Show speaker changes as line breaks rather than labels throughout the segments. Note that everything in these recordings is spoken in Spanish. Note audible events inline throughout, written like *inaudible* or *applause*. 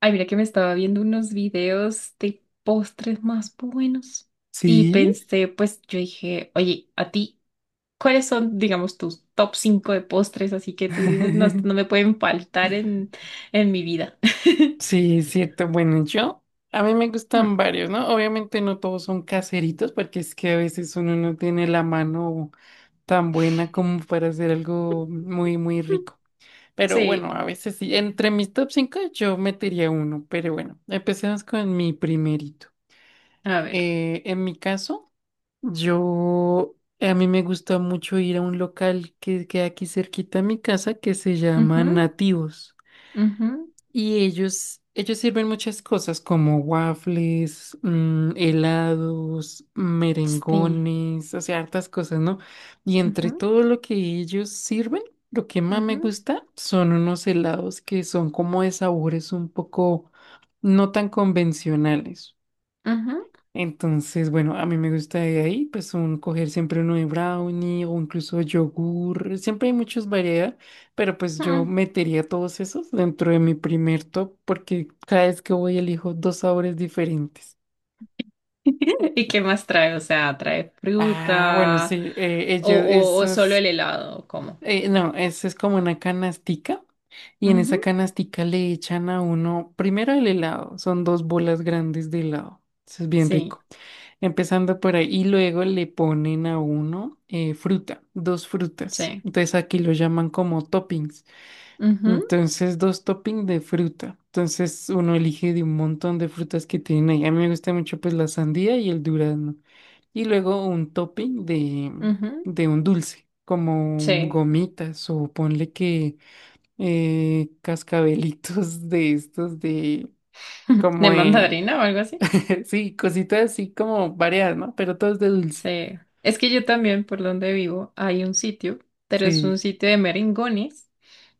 Ay, mira que me estaba viendo unos videos de postres más buenos y
Sí,
pensé, pues yo dije, oye, a ti, ¿cuáles son, digamos, tus top 5 de postres? Así que tú dices, no, esto
*laughs*
no me pueden faltar en mi vida. *laughs*
sí, es cierto. Bueno, yo, a mí me
Mm,
gustan varios, ¿no? Obviamente no todos son caseritos, porque es que a veces uno no tiene la mano tan buena como para hacer algo muy, muy rico. Pero
sí,
bueno, a veces sí. Entre mis top 5 yo metería uno, pero bueno, empecemos con mi primerito.
a ver.
En mi caso, yo, a mí me gusta mucho ir a un local que queda aquí cerquita a mi casa que se llama
Ujú,
Nativos.
ujú,
Y ellos sirven muchas cosas como waffles, helados,
sí.
merengones, o sea, hartas cosas, ¿no? Y entre
Ujú,
todo lo que ellos sirven, lo que más me
ujú,
gusta son unos helados que son como de sabores un poco no tan convencionales.
ujú,
Entonces, bueno, a mí me gusta de ahí, pues un, coger siempre uno de brownie o incluso yogur. Siempre hay muchas variedades, pero pues yo
mm.
metería todos esos dentro de mi primer top porque cada vez que voy elijo dos sabores diferentes.
*laughs* ¿Y qué más trae? O sea, ¿trae
Ah, bueno,
fruta
sí,
o,
ellos,
o- o solo
esos,
el helado? ¿Cómo?
no, eso es como una canastica y en
Ujú,
esa canastica le echan a uno, primero el helado, son dos bolas grandes de helado, eso es bien
sí,
rico. Empezando por ahí, y luego le ponen a uno fruta, dos frutas.
sí.
Entonces aquí lo llaman como toppings.
Ujú,
Entonces, dos toppings de fruta. Entonces uno elige de un montón de frutas que tienen ahí. A mí me gusta mucho pues la sandía y el durazno. Y luego un topping
ujú,
de un dulce, como
sí.
gomitas o ponle que cascabelitos de estos de
*laughs* ¿De
como...
mandarina o algo así?
*laughs* sí, cositas así como variadas, ¿no? Pero todos de dulce.
Sí. Es que yo también, por donde vivo, hay un sitio, pero es un
Sí.
sitio de merengones.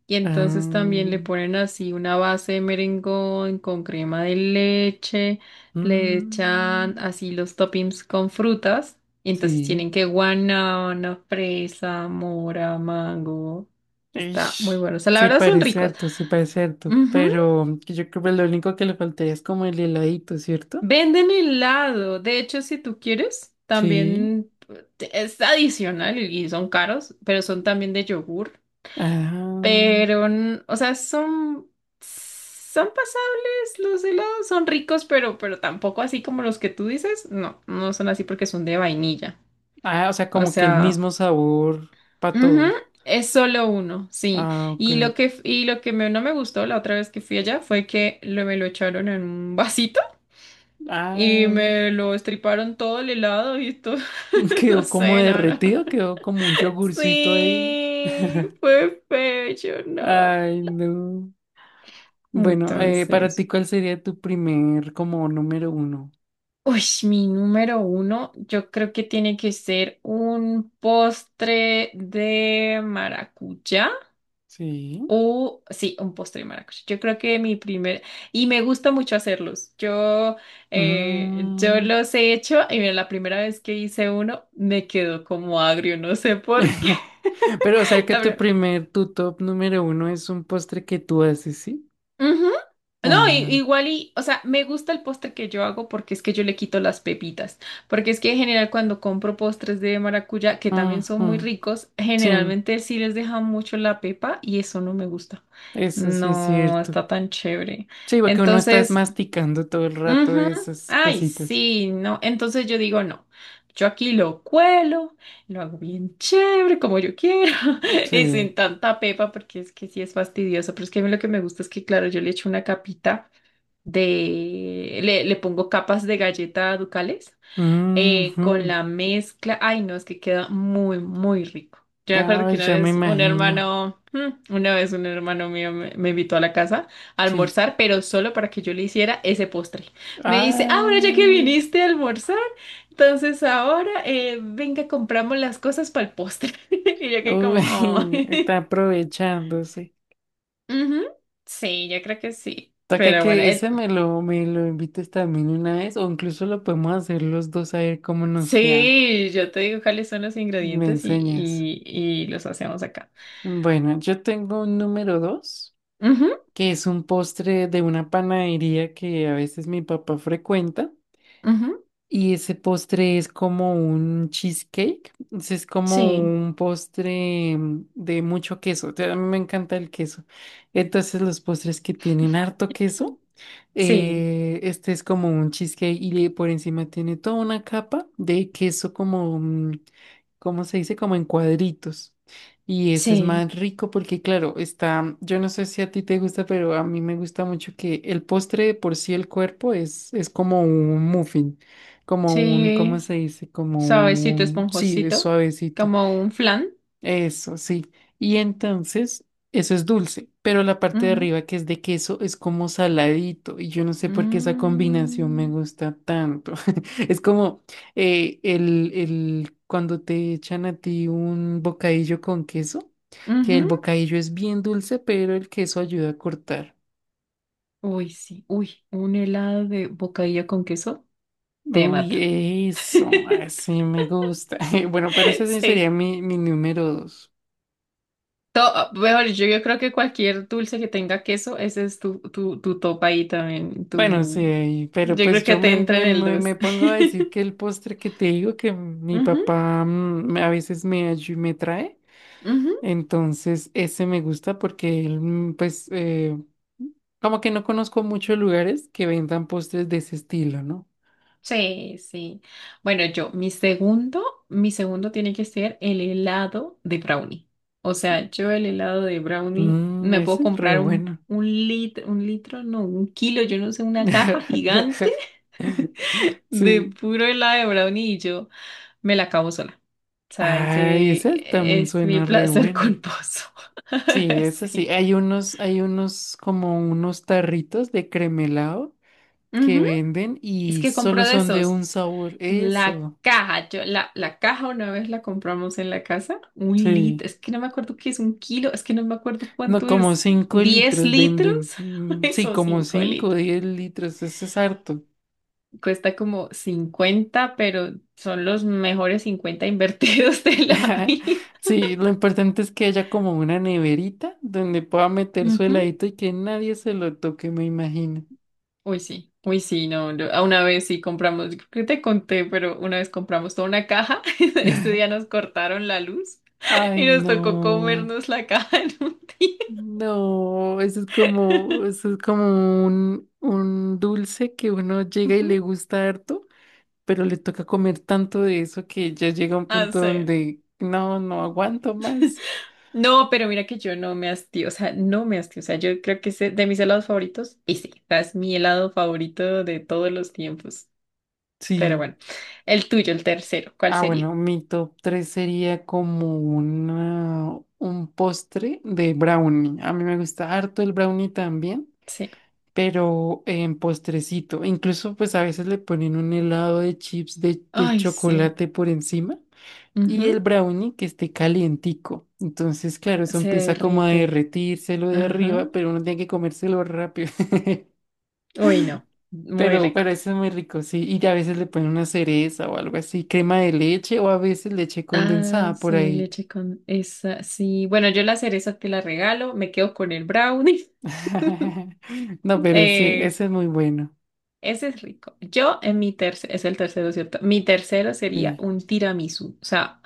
Y entonces
Ah,
también le ponen así una base de merengón con crema de leche, le echan
mm,
así los toppings con frutas. Y entonces tienen
sí.
que guanábana, fresa, mora, mango. Está muy
Ish.
bueno. O sea, la
Se
verdad son
parece
ricos.
harto, se parece harto. Pero que yo creo que lo único que le faltaría es como el heladito, ¿cierto?
Venden helado. De hecho, si tú quieres,
Sí.
también es adicional y son caros, pero son también de yogur.
Ah,
Pero, o sea, son, pasables los helados, son ricos, pero tampoco así como los que tú dices. No, no son así porque son de vainilla.
ah, o sea,
O
como que el
sea,
mismo sabor para
ujú,
todos.
es solo uno, sí.
Ah, ok.
Y lo que, f- y lo que me- no me gustó la otra vez que fui allá fue que me lo echaron en un vasito. Y
Ah,
me lo estriparon todo el helado y todo.
*laughs*
*laughs* No
quedó como
sé, no, no.
derretido, quedó como un yogurcito ahí.
Sí, fue feo, yo no.
Ay, no. Bueno, para
Entonces,
ti, ¿cuál sería tu primer como número uno?
uy, mi número uno, yo creo que tiene que ser un postre de maracuyá
Sí.
o, sí, un postre de maracuyá. Yo creo que mi primer, y me gusta mucho hacerlos. Yo
Mm.
los he hecho y mira, la primera vez que hice uno me quedó como agrio, no sé por qué.
*laughs* Pero o sea
*laughs*
que
La
tu
verdad,
primer, tu top número uno es un postre que tú haces, ¿sí?
ujú. No, i-
Ah,
igual y, o sea, me gusta el postre que yo hago porque es que yo le quito las pepitas, porque es que en general cuando compro postres de maracuyá, que también son muy
ujú,
ricos,
sí,
generalmente sí les dejan mucho la pepa y eso no me gusta.
eso sí es
No
cierto.
está tan chévere.
Sí, porque uno está es
Entonces,
masticando todo el rato
ujú.
esas
Ay,
cositas.
sí, no. Entonces yo digo, no, yo aquí lo cuelo, lo hago bien chévere, como yo quiero, *laughs* y sin
Sí.
tanta pepa, porque es que sí es fastidioso, pero es que a mí lo que me gusta es que, claro, yo le echo una capita de, le pongo capas de galleta Ducales con
Ujú,
la mezcla. Ay, no, es que queda muy, muy rico. Yo me acuerdo que
ay,
una
ya me
vez un
imagino.
hermano, mm, una vez un hermano mío me, invitó a la casa a
Sí.
almorzar, pero solo para que yo le hiciera ese postre. Me dice, ah, bueno, ya que
Ah,
viniste a almorzar, entonces ahora venga, compramos las cosas para el postre. *laughs* Y yo que
uy,
como, oh.
*laughs* está
*laughs*
aprovechándose.
Ujú, sí, yo creo que sí.
Toca
Pero bueno,
que ese me lo invites también una vez, o incluso lo podemos hacer los dos a ver cómo nos queda.
sí, yo te digo cuáles son los
Y me
ingredientes y,
enseñas.
y los hacemos acá.
Bueno, yo tengo un número dos,
Ujú.
que es un postre de una panadería que a veces mi papá frecuenta.
Ujú,
Y ese postre es como un cheesecake, ese es como
sí,
un postre de mucho queso, o sea, a mí me encanta el queso. Entonces los postres que tienen harto queso,
sí,
este es como un cheesecake y le- por encima tiene toda una capa de queso como, mm, ¿cómo se dice? Como en cuadritos. Y ese es
sí,
más rico porque, claro, está, yo no sé si a ti te gusta, pero a mí me gusta mucho que el postre de por sí, el cuerpo es como un muffin. Como un,
sí,
¿cómo se dice? Como
suavecito,
un, sí, es
esponjosito,
suavecito.
como un flan.
Eso, sí. Y entonces, eso es dulce, pero la parte de
Ujú,
arriba que es de queso es como saladito. Y yo no sé por qué esa combinación me
mm,
gusta tanto. *laughs* Es como cuando te echan a ti un bocadillo con queso, que el
ujú.
bocadillo es bien dulce, pero el queso ayuda a cortar.
Uy, sí, uy, un helado de bocadillo con queso te mata.
Uy, eso,
*laughs*
así me gusta. *laughs* Bueno, pero ese sí
Sí.
sería mi, mi número dos.
Mejor, yo, creo que cualquier dulce que tenga queso, ese es tu, tu top ahí también.
Bueno,
Tu...
sí, ahí, pero
Yo
pues
creo que
yo
te entra en el
me
dos.
pongo
*laughs*
a decir que el postre que te digo que mi
Ujú,
papá a veces me, ayu- me trae,
ujú.
entonces ese me gusta porque él, pues, como que no conozco muchos lugares que vendan postres de ese estilo, ¿no?
Sí, sí. Bueno, yo, mi segundo tiene que ser el helado de brownie. O sea, yo el helado de brownie
Mm,
me puedo
ese es re
comprar un,
bueno.
un litro, un litro, no, un kilo, yo no sé, una caja gigante
*laughs*
*laughs* de
Sí.
puro helado de brownie y yo me la acabo sola. O sea,
Ay,
ese
esa también
es mi
suena re
placer
bueno.
culposo.
Sí,
*laughs*
eso sí.
Sí.
Hay unos como unos tarritos de cremelado que
Ujú.
venden
Es
y
que compro
solo
de
son de
esos.
un sabor.
La
Eso.
caja, yo, la caja una vez la compramos en la casa, un litro,
Sí.
es que no me acuerdo qué es un kilo, es que no me acuerdo
No,
cuánto
como
es,
5
10
litros
litros,
venden.
*laughs*
Mm, sí,
eso,
como
5
5 o
litros.
10 litros. Eso es harto.
Cuesta como cincuenta, pero son los mejores 50 invertidos *laughs* de la
*laughs*
vida.
Sí, lo importante es que haya como una neverita donde pueda meter su
Ujú.
heladito y que nadie se lo toque, me imagino.
Uy, sí, no, no, a una vez sí compramos, yo creo que te conté, pero una vez compramos toda una caja, *laughs* este día nos cortaron la luz y
Ay,
nos tocó
no.
comernos la caja en un día.
No, eso es como un dulce que uno llega y le
Ujú.
gusta harto, pero le toca comer tanto de eso que ya llega un
Ah,
punto
sí.
donde no, no aguanto más.
No, pero mira que yo no me hastio, o sea, no me hastio, o sea, yo creo que de mis helados favoritos, y sí, o sea, es mi helado favorito de todos los tiempos. Pero
Sí.
bueno, el tuyo, el tercero, ¿cuál
Ah,
sería?
bueno, mi top 3 sería como una, un postre de brownie. A mí me gusta harto el brownie también,
Sí.
pero en postrecito. Incluso pues a veces le ponen un helado de chips de
Ay, sí.
chocolate por encima
Ujú,
y el brownie que esté calientico. Entonces, claro, eso
se
empieza como a
derrite.
derretírselo de
Ajá.
arriba, pero uno tiene que comérselo rápido. *laughs*
Uy, no. Muy
Pero
rico.
eso es muy rico, sí. Y a veces le ponen una cereza o algo así, crema de leche o a veces leche
Ah,
condensada por
sí,
ahí.
leche con esa. Sí. Bueno, yo la cereza te la regalo. Me quedo con el brownie. *laughs*
*laughs* No, pero sí,
Eh,
eso es muy bueno.
ese es rico. Yo en mi tercero, es el tercero, ¿cierto? Mi tercero sería
Sí.
un tiramisú. O sea,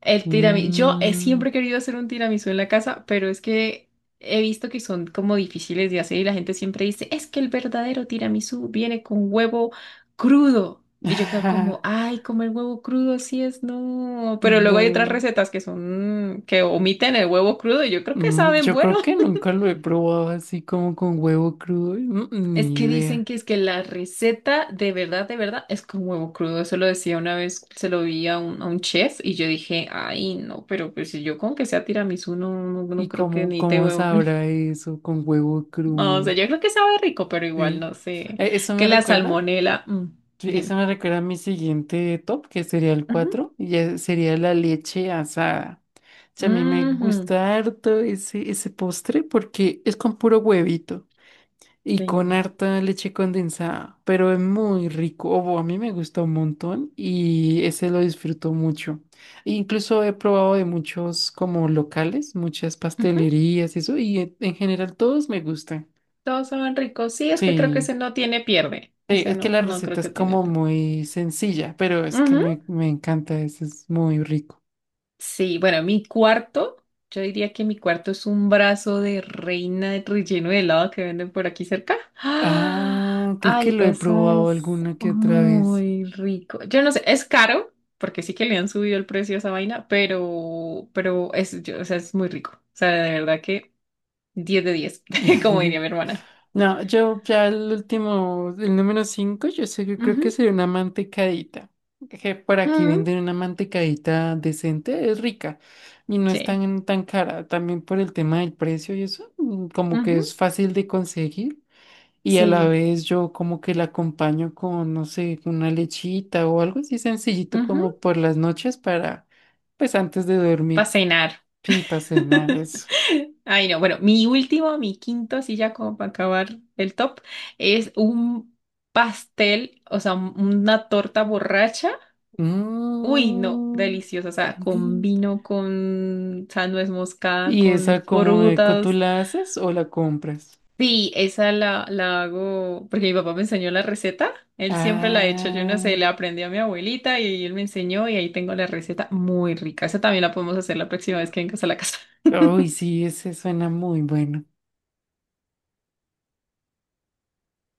el tiramisú. Yo he
Mm.
siempre he querido hacer un tiramisú en la casa, pero es que he visto que son como difíciles de hacer y la gente siempre dice, es que el verdadero tiramisú viene con huevo crudo. Y yo quedo como,
*laughs*
ay, comer huevo crudo, sí es no. Pero luego hay otras
No.
recetas que son, que omiten el huevo crudo y yo creo que
Mm,
saben
yo
bueno.
creo que nunca lo he probado así como con huevo crudo. Mm,
Es
ni
que dicen
idea.
que es que la receta de verdad, es con huevo crudo. Eso lo decía una vez, se lo vi a un, chef y yo dije, ay, no, pero pues si yo con que sea tiramisú, no, no, no
¿Y
creo que
cómo,
necesite
cómo
huevo crudo.
sabrá
*laughs*
eso con huevo
No, o sea,
crudo?
yo creo que sabe rico, pero igual
Sí.
no sé.
¿Eso
Que
me
la
recuerda?
salmonela, mm,
Sí, eso
dime.
me recuerda a mi siguiente top, que sería el
Ujú,
cuatro y ya sería la leche asada. O sea, a mí me
ujú,
gusta harto ese, ese postre porque es con puro huevito y con
sí.
harta leche condensada, pero es muy rico. O a mí me gusta un montón y ese lo disfruto mucho. E incluso he probado de muchos como locales, muchas
Ujú,
pastelerías y eso, y en general todos me gustan.
todos saben ricos. Sí, es que creo que
Sí.
ese no tiene pierde.
Sí,
Ese
es que
no,
la
no creo
receta es
que tiene
como
pierde.
muy sencilla, pero es que me encanta, eso es muy rico.
Sí, bueno, mi cuarto, yo diría que mi cuarto es un brazo de reina de relleno de helado que venden por aquí cerca. ¡Ah!
Ah, creo que
Ay,
lo he
eso
probado
es
alguna que otra vez.
muy rico. Yo no sé, es caro, porque sí que le han subido el precio a esa vaina, pero es, o sea, es muy rico. O sea, de verdad que 10 de 10, *laughs* como diría mi
*laughs*
hermana.
No, yo ya el último, el número 5, yo sé, yo creo que
Ujú,
sería una mantecadita. Que por aquí
ujú,
venden una mantecadita decente, es rica y no es
sí.
tan, tan cara. También por el tema del precio y eso, como
Ujú,
que es fácil de conseguir. Y a la
sí.
vez yo como que la acompaño con, no sé, con una lechita o algo así sencillito
Ujú,
como por las noches para, pues antes de
para
dormir.
cenar.
Sí, para cenar eso.
*laughs* Ay, no. Bueno, mi último, mi quinto, así ya como para acabar el top, es un pastel, o sea, una torta borracha. Uy, no,
Mm.
deliciosa. O sea, con
*laughs*
vino, con, o sea, nuez moscada,
¿Y
con
esa como eco tú
frutas.
la haces o la compras?
Sí, esa la, la hago porque mi papá me enseñó la receta. Él siempre la ha hecho, yo no sé,
Ah,
la aprendí a mi abuelita y él me enseñó y ahí tengo la receta muy rica. Esa también la podemos hacer la próxima vez que vengas a la casa.
uy, sí, ese suena muy bueno.